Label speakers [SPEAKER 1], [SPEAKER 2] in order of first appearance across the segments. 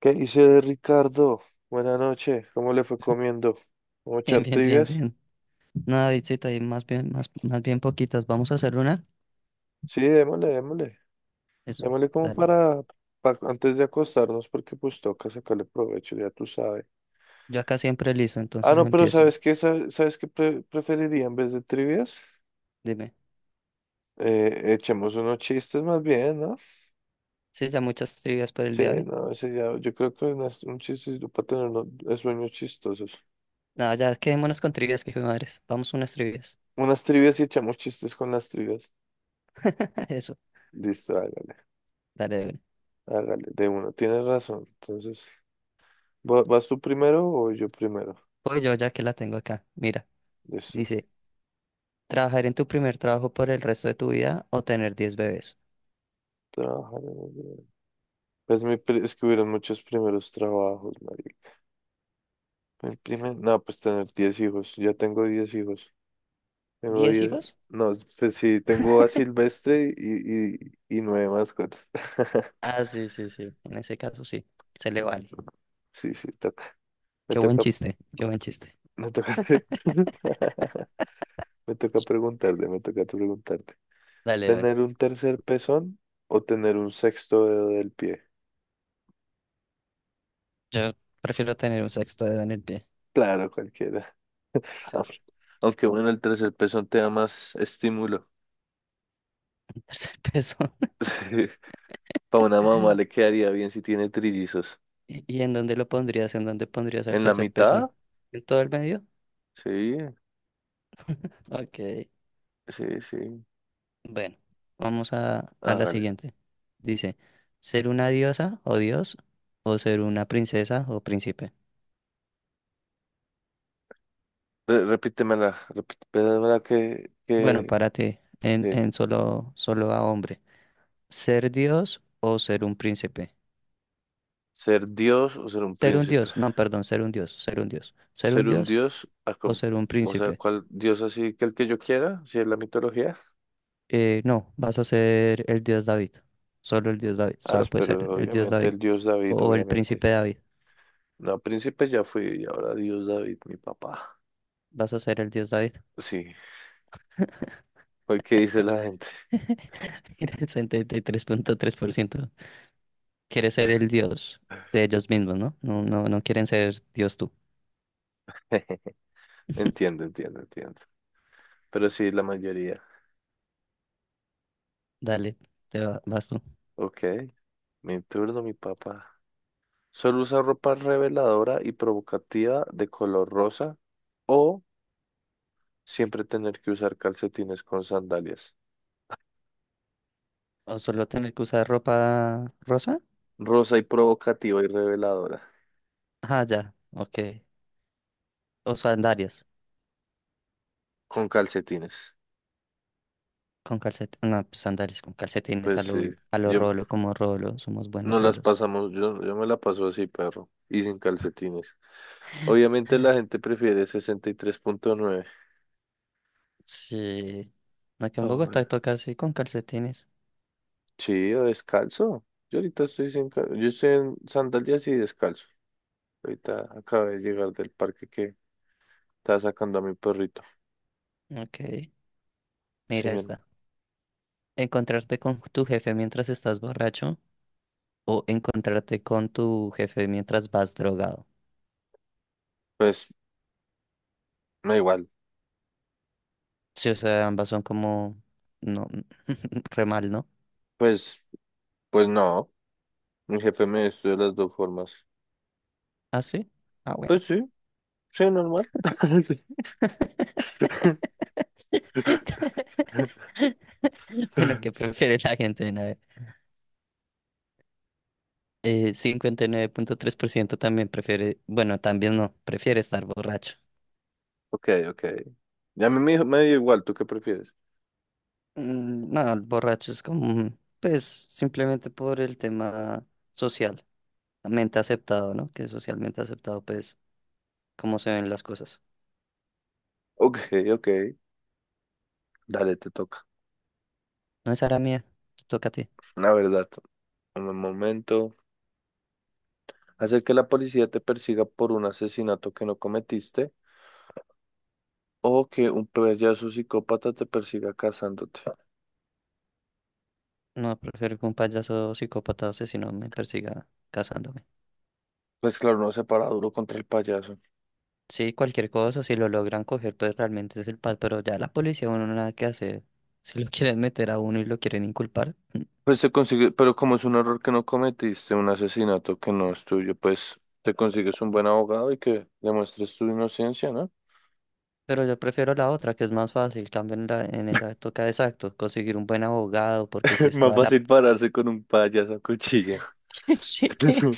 [SPEAKER 1] ¿Qué dice Ricardo? Buenas noches, ¿cómo le fue comiendo? ¿Vamos a
[SPEAKER 2] Bien,
[SPEAKER 1] echar
[SPEAKER 2] bien, bien,
[SPEAKER 1] trivias?
[SPEAKER 2] bien. Nada Davidcita, y más bien poquitas. ¿Vamos a hacer una?
[SPEAKER 1] Sí, démosle, démosle.
[SPEAKER 2] Eso,
[SPEAKER 1] Démosle como
[SPEAKER 2] dale.
[SPEAKER 1] para, antes de acostarnos, porque pues toca sacarle provecho, ya tú sabes.
[SPEAKER 2] Yo acá siempre listo,
[SPEAKER 1] Ah,
[SPEAKER 2] entonces
[SPEAKER 1] no, pero
[SPEAKER 2] empiezo.
[SPEAKER 1] ¿sabes qué? ¿Sabes qué preferiría en vez de trivias?
[SPEAKER 2] Dime.
[SPEAKER 1] Echemos unos chistes más bien, ¿no?
[SPEAKER 2] Sí, ya muchas trivias por el
[SPEAKER 1] Sí,
[SPEAKER 2] día de
[SPEAKER 1] no,
[SPEAKER 2] hoy.
[SPEAKER 1] ese ya, yo creo que un chiste para tener unos sueños chistosos.
[SPEAKER 2] No, ya quedémonos con trivias, que hijo de madres. Vamos unas trivias.
[SPEAKER 1] Unas trivias y echamos chistes con las trivias.
[SPEAKER 2] Eso,
[SPEAKER 1] Listo, hágale,
[SPEAKER 2] dale, dale.
[SPEAKER 1] hágale, de uno, tienes razón, entonces. ¿Vas tú primero o yo primero?
[SPEAKER 2] Voy yo ya que la tengo acá. Mira,
[SPEAKER 1] Listo.
[SPEAKER 2] dice, ¿trabajar en tu primer trabajo por el resto de tu vida o tener 10 bebés?
[SPEAKER 1] Trabajar en gobierno. Pues es que hubieron muchos primeros trabajos, marica. El primer... No, pues tener 10 hijos. Ya tengo 10 hijos. Tengo
[SPEAKER 2] Diez
[SPEAKER 1] diez.
[SPEAKER 2] hijos?
[SPEAKER 1] No, pues sí, tengo a Silvestre y nueve mascotas.
[SPEAKER 2] Ah, sí, sí, sí. En ese caso sí, se le vale.
[SPEAKER 1] Sí, sí, toca. Me
[SPEAKER 2] Qué buen
[SPEAKER 1] toca,
[SPEAKER 2] chiste, qué buen chiste.
[SPEAKER 1] me toca hacer- Me toca preguntarte, me toca preguntarte.
[SPEAKER 2] Dale, Edwin.
[SPEAKER 1] ¿Tener un tercer pezón o tener un sexto dedo del pie?
[SPEAKER 2] Yo prefiero tener un sexto dedo en el pie.
[SPEAKER 1] Claro, cualquiera.
[SPEAKER 2] Sí,
[SPEAKER 1] Aunque bueno, el tercer pezón te da más estímulo.
[SPEAKER 2] el tercer peso.
[SPEAKER 1] Para una mamá le quedaría bien si tiene trillizos.
[SPEAKER 2] ¿Y en dónde lo pondrías? ¿En dónde pondrías el
[SPEAKER 1] ¿En la
[SPEAKER 2] tercer peso, eh?
[SPEAKER 1] mitad?
[SPEAKER 2] ¿En todo el medio?
[SPEAKER 1] Sí,
[SPEAKER 2] Ok.
[SPEAKER 1] sí, sí.
[SPEAKER 2] Bueno, vamos a la
[SPEAKER 1] Hágale.
[SPEAKER 2] siguiente. Dice, ¿ser una diosa o dios o ser una princesa o príncipe?
[SPEAKER 1] Repítemela, repítemela que,
[SPEAKER 2] Bueno,
[SPEAKER 1] que,
[SPEAKER 2] párate en,
[SPEAKER 1] que
[SPEAKER 2] en solo a hombre. ¿Ser dios o ser un príncipe?
[SPEAKER 1] ser Dios o ser un
[SPEAKER 2] Ser un
[SPEAKER 1] príncipe.
[SPEAKER 2] dios, no, perdón, ser un dios, ser un dios. ¿Ser
[SPEAKER 1] Ser
[SPEAKER 2] un
[SPEAKER 1] un
[SPEAKER 2] dios
[SPEAKER 1] Dios,
[SPEAKER 2] o
[SPEAKER 1] acom-
[SPEAKER 2] ser un
[SPEAKER 1] O sea,
[SPEAKER 2] príncipe?
[SPEAKER 1] ¿cuál Dios así que el que yo quiera? Si es la mitología.
[SPEAKER 2] No, vas a ser el dios David. Solo el dios David.
[SPEAKER 1] Ah,
[SPEAKER 2] Solo puede ser
[SPEAKER 1] pero
[SPEAKER 2] el dios
[SPEAKER 1] obviamente
[SPEAKER 2] David.
[SPEAKER 1] el Dios David,
[SPEAKER 2] O el
[SPEAKER 1] obviamente.
[SPEAKER 2] príncipe David.
[SPEAKER 1] No, príncipe ya fui y ahora Dios David, mi papá.
[SPEAKER 2] Vas a ser el dios David.
[SPEAKER 1] Sí. ¿Por qué dice la gente?
[SPEAKER 2] Mira, el 73.3%. Quiere ser el dios de ellos mismos, ¿no? No, no, no quieren ser dios tú.
[SPEAKER 1] Entiendo, entiendo, entiendo. Pero sí, la mayoría.
[SPEAKER 2] Dale, vas tú.
[SPEAKER 1] Ok, mi turno, mi papá. Solo usa ropa reveladora y provocativa de color rosa o siempre tener que usar calcetines con sandalias.
[SPEAKER 2] O solo tener que usar ropa rosa.
[SPEAKER 1] Rosa y provocativa y reveladora
[SPEAKER 2] Ah, ya, ok. O sandalias
[SPEAKER 1] con calcetines.
[SPEAKER 2] con calcetines. No, pues sandalias con calcetines
[SPEAKER 1] Pues sí,
[SPEAKER 2] a lo
[SPEAKER 1] yo
[SPEAKER 2] rolo, como rolo. Somos buenos
[SPEAKER 1] no las
[SPEAKER 2] rolos.
[SPEAKER 1] pasamos, yo me la paso así, perro, y sin calcetines. Obviamente la gente prefiere 63,9.
[SPEAKER 2] Sí. Aquí en Bogotá toca así con calcetines.
[SPEAKER 1] Sí, o descalzo. Yo ahorita estoy sin... ca- Yo estoy en sandalias y descalzo. Ahorita acabé de llegar del parque que estaba sacando a mi perrito.
[SPEAKER 2] Ok.
[SPEAKER 1] Sí,
[SPEAKER 2] Mira
[SPEAKER 1] mi hermano.
[SPEAKER 2] esta. Encontrarte con tu jefe mientras estás borracho o encontrarte con tu jefe mientras vas drogado.
[SPEAKER 1] Pues, no igual.
[SPEAKER 2] Sí, o sea, ambas son como... No, re mal, ¿no?
[SPEAKER 1] Pues, pues no. Mi jefe me estudió de las dos formas.
[SPEAKER 2] ¿Ah, sí? Ah, bueno.
[SPEAKER 1] Pues sí, sí, normal. Sí.
[SPEAKER 2] Bueno, ¿qué prefiere la gente? A ver, 59.3% también prefiere... Bueno, también no, prefiere estar borracho.
[SPEAKER 1] Ok, ok. Ya a mí me dio igual, ¿tú qué prefieres?
[SPEAKER 2] No, el borracho es como... Pues, simplemente por el tema social mente aceptado, ¿no? Que es socialmente aceptado, pues, cómo se ven las cosas.
[SPEAKER 1] Ok, ok. Dale, te toca.
[SPEAKER 2] No es la mía, te toca a ti.
[SPEAKER 1] La verdad, en un momento. Hacer que la policía te persiga por un asesinato que no cometiste. O que un payaso psicópata te persiga cazándote.
[SPEAKER 2] No, prefiero que un payaso psicópata asesino me persiga casándome.
[SPEAKER 1] Pues claro, no se para duro contra el payaso.
[SPEAKER 2] Sí, cualquier cosa, si lo logran coger, pues realmente es el pal, pero ya la policía uno nada que hacer. Si lo quieren meter a uno y lo quieren inculpar.
[SPEAKER 1] Pues te consigue, pero como es un error que no cometiste, un asesinato que no es tuyo, pues te consigues un buen abogado y que demuestres tu inocencia, ¿no?
[SPEAKER 2] Pero yo prefiero la otra, que es más fácil. Cambio en, la, en esa toca exacto, conseguir un buen abogado, porque si es
[SPEAKER 1] más
[SPEAKER 2] toda la...
[SPEAKER 1] fácil pararse con un payaso a cuchillo.
[SPEAKER 2] qué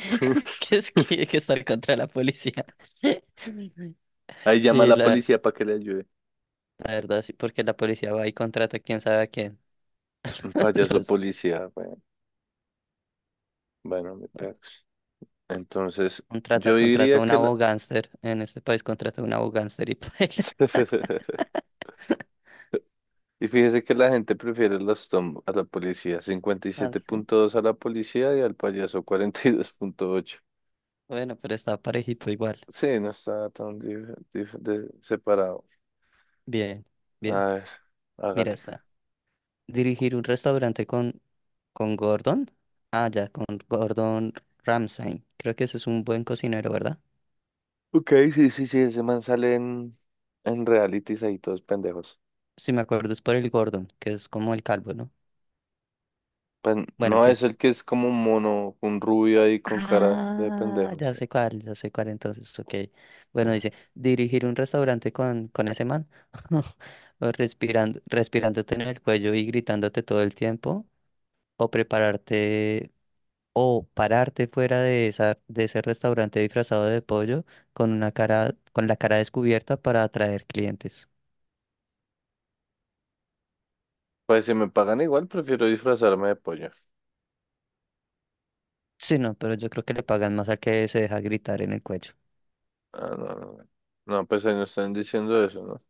[SPEAKER 2] que es que estar contra la policía.
[SPEAKER 1] Ahí llama a
[SPEAKER 2] Sí,
[SPEAKER 1] la
[SPEAKER 2] la,
[SPEAKER 1] policía para que le ayude.
[SPEAKER 2] La verdad, sí, porque la policía va y contrata quién sabe a quién.
[SPEAKER 1] Un payaso
[SPEAKER 2] Los
[SPEAKER 1] policía, bueno, bueno, mi perro. Entonces,
[SPEAKER 2] contrata,
[SPEAKER 1] yo
[SPEAKER 2] contrata
[SPEAKER 1] diría
[SPEAKER 2] un
[SPEAKER 1] que la...
[SPEAKER 2] abogánster. En este país contrata un abogánster y paila.
[SPEAKER 1] Y fíjese que la gente prefiere las Tom a la policía, cincuenta y
[SPEAKER 2] Ah,
[SPEAKER 1] siete
[SPEAKER 2] sí.
[SPEAKER 1] punto dos a la policía y al payaso 42,8.
[SPEAKER 2] Bueno, pero está parejito igual.
[SPEAKER 1] Sí, no está tan separado.
[SPEAKER 2] Bien,
[SPEAKER 1] A
[SPEAKER 2] bien.
[SPEAKER 1] ver,
[SPEAKER 2] Mira
[SPEAKER 1] hágale.
[SPEAKER 2] esta. Dirigir un restaurante con Gordon. Ah, ya, con Gordon Ramsay. Creo que ese es un buen cocinero, ¿verdad?
[SPEAKER 1] Ok, sí, sí, sí, ese man sale en, realities ahí todos pendejos.
[SPEAKER 2] Si me acuerdo, es por el Gordon, que es como el calvo, ¿no?
[SPEAKER 1] Pues
[SPEAKER 2] Bueno, en
[SPEAKER 1] no
[SPEAKER 2] fin.
[SPEAKER 1] es el que es como un mono, un rubio ahí con cara de
[SPEAKER 2] Ah,
[SPEAKER 1] pendejos. Sí.
[SPEAKER 2] ya sé cuál entonces, ok. Bueno, dice, dirigir un restaurante con ese man, o respirándote en el cuello y gritándote todo el tiempo, o prepararte, o pararte fuera de ese restaurante disfrazado de pollo con la cara descubierta para atraer clientes.
[SPEAKER 1] Pues si me pagan igual, prefiero disfrazarme de pollo.
[SPEAKER 2] Sí, no, pero yo creo que le pagan más al que se deja gritar en el cuello.
[SPEAKER 1] Ah, no, no, no. No, pues ahí no están diciendo eso, ¿no?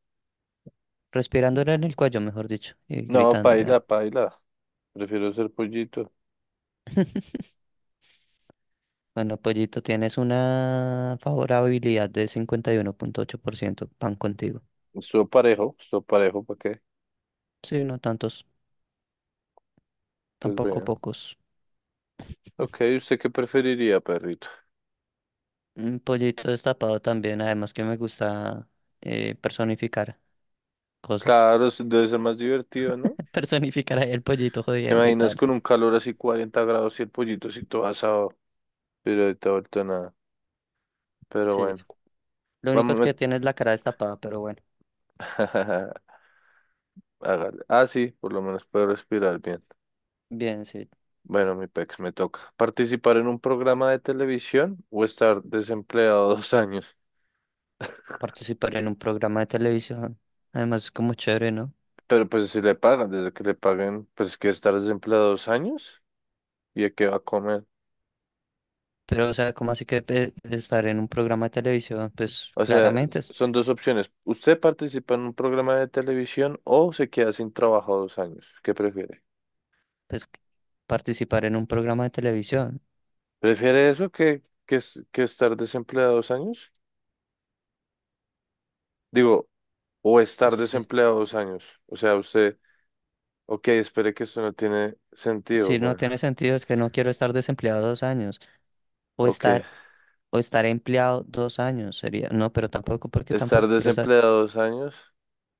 [SPEAKER 2] Respirándole en el cuello, mejor dicho, y
[SPEAKER 1] No, paila,
[SPEAKER 2] gritándole.
[SPEAKER 1] paila. Prefiero ser pollito.
[SPEAKER 2] Bueno, Pollito, tienes una favorabilidad de 51.8% Pan contigo.
[SPEAKER 1] Estuvo parejo, ¿para qué?
[SPEAKER 2] Sí, no tantos,
[SPEAKER 1] Pues
[SPEAKER 2] tampoco
[SPEAKER 1] vean.
[SPEAKER 2] pocos.
[SPEAKER 1] Ok, ¿usted qué preferiría, perrito?
[SPEAKER 2] Un pollito destapado también, además que me gusta personificar cosas.
[SPEAKER 1] Claro, debe ser más divertido, ¿no?
[SPEAKER 2] Personificar ahí el pollito
[SPEAKER 1] ¿Te
[SPEAKER 2] jodiendo y
[SPEAKER 1] imaginas
[SPEAKER 2] tal.
[SPEAKER 1] con un calor así 40 grados y el pollito así todo asado? Pero ahorita, ahorita nada. Pero
[SPEAKER 2] Sí,
[SPEAKER 1] bueno,
[SPEAKER 2] lo único
[SPEAKER 1] vamos
[SPEAKER 2] es que tienes la cara destapada, pero bueno,
[SPEAKER 1] a... Hágale. Ah, sí, por lo menos puedo respirar bien.
[SPEAKER 2] bien, sí.
[SPEAKER 1] Bueno, mi pex, me toca. ¿Participar en un programa de televisión o estar desempleado 2 años?
[SPEAKER 2] Participar en un programa de televisión, además es como chévere, ¿no?
[SPEAKER 1] Pero pues si le pagan, desde que le paguen, pues que estar desempleado 2 años. ¿Y a qué va a comer?
[SPEAKER 2] Pero, o sea, como así que Estar en un programa de televisión? Pues
[SPEAKER 1] O sea,
[SPEAKER 2] claramente. Es,
[SPEAKER 1] son dos opciones. Usted participa en un programa de televisión o se queda sin trabajo 2 años. ¿Qué prefiere?
[SPEAKER 2] pues, participar en un programa de televisión.
[SPEAKER 1] ¿Prefiere eso que estar desempleado 2 años? Digo, o estar
[SPEAKER 2] Sí.
[SPEAKER 1] desempleado 2 años. O sea, usted, ok, espere que esto no tiene sentido,
[SPEAKER 2] Si no
[SPEAKER 1] bueno.
[SPEAKER 2] tiene sentido, es que no quiero estar desempleado 2 años o
[SPEAKER 1] Ok,
[SPEAKER 2] estar, o estar empleado 2 años sería, no, pero tampoco, porque
[SPEAKER 1] estar
[SPEAKER 2] tampoco quiero estar,
[SPEAKER 1] desempleado 2 años.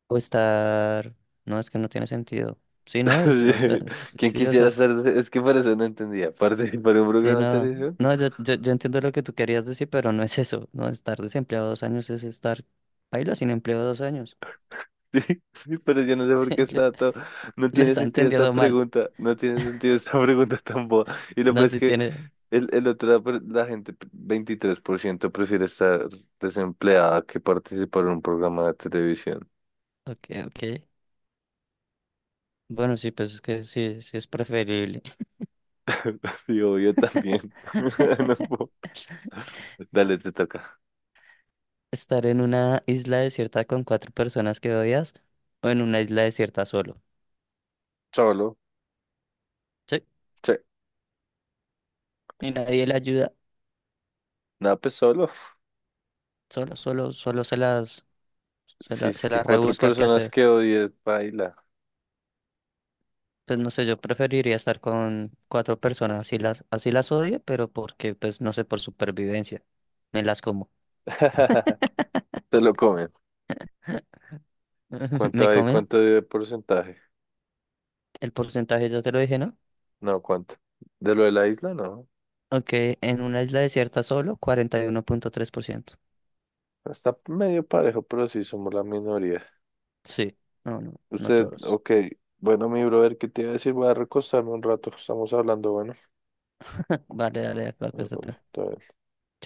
[SPEAKER 2] o estar, no, es que no tiene sentido. Sí, no, es, o sea, s-
[SPEAKER 1] ¿Quién
[SPEAKER 2] sí, o sea,
[SPEAKER 1] quisiera
[SPEAKER 2] s-
[SPEAKER 1] estar? Es que por eso no entendía. ¿Participar en un
[SPEAKER 2] sí,
[SPEAKER 1] programa de
[SPEAKER 2] no,
[SPEAKER 1] televisión?
[SPEAKER 2] no, yo entiendo lo que tú querías decir, pero no es eso, no, estar desempleado dos años es estar, baila sin empleo 2 años.
[SPEAKER 1] Sí, sí, pero yo no sé por
[SPEAKER 2] Sí,
[SPEAKER 1] qué
[SPEAKER 2] lo,
[SPEAKER 1] está todo. No
[SPEAKER 2] lo
[SPEAKER 1] tiene
[SPEAKER 2] está
[SPEAKER 1] sentido esta
[SPEAKER 2] entendiendo mal,
[SPEAKER 1] pregunta. No tiene sentido esta pregunta tan boba. Y lo peor
[SPEAKER 2] no,
[SPEAKER 1] es
[SPEAKER 2] si
[SPEAKER 1] que
[SPEAKER 2] tiene,
[SPEAKER 1] el otro, la, la gente, 23% prefiere estar desempleada que participar en un programa de televisión.
[SPEAKER 2] ok, ok. Bueno, sí, pues es que sí, sí es preferible.
[SPEAKER 1] Digo, yo también. No puedo. Dale, te toca.
[SPEAKER 2] Estar en una isla desierta con cuatro personas que odias o en una isla desierta solo.
[SPEAKER 1] Solo.
[SPEAKER 2] Sí,
[SPEAKER 1] Sí.
[SPEAKER 2] y nadie le ayuda,
[SPEAKER 1] No, pues solo.
[SPEAKER 2] solo, solo, solo se las, se
[SPEAKER 1] Si
[SPEAKER 2] la,
[SPEAKER 1] es
[SPEAKER 2] se
[SPEAKER 1] que
[SPEAKER 2] las
[SPEAKER 1] cuatro
[SPEAKER 2] rebusca qué
[SPEAKER 1] personas
[SPEAKER 2] hacer.
[SPEAKER 1] que odies, baila.
[SPEAKER 2] Pues no sé, yo preferiría estar con cuatro personas, así las odio, pero porque, pues no sé, por supervivencia, me las como.
[SPEAKER 1] Te lo comen. ¿Cuánto
[SPEAKER 2] Me
[SPEAKER 1] hay?
[SPEAKER 2] comen,
[SPEAKER 1] ¿Cuánto de porcentaje?
[SPEAKER 2] el porcentaje ya te lo dije, ¿no?
[SPEAKER 1] No, ¿cuánto? ¿De lo de la isla? No.
[SPEAKER 2] Ok, en una isla desierta solo, 41.3%.
[SPEAKER 1] Está medio parejo, pero sí somos la minoría.
[SPEAKER 2] Sí, no, no, no
[SPEAKER 1] Usted,
[SPEAKER 2] todos.
[SPEAKER 1] ok. Bueno, mi brother, ¿qué te iba a decir? Voy a recostarme un rato. Estamos hablando, bueno.
[SPEAKER 2] Vale, dale, de acuerdo,
[SPEAKER 1] Papi,
[SPEAKER 2] acuéstate.
[SPEAKER 1] todo bien.
[SPEAKER 2] Chao.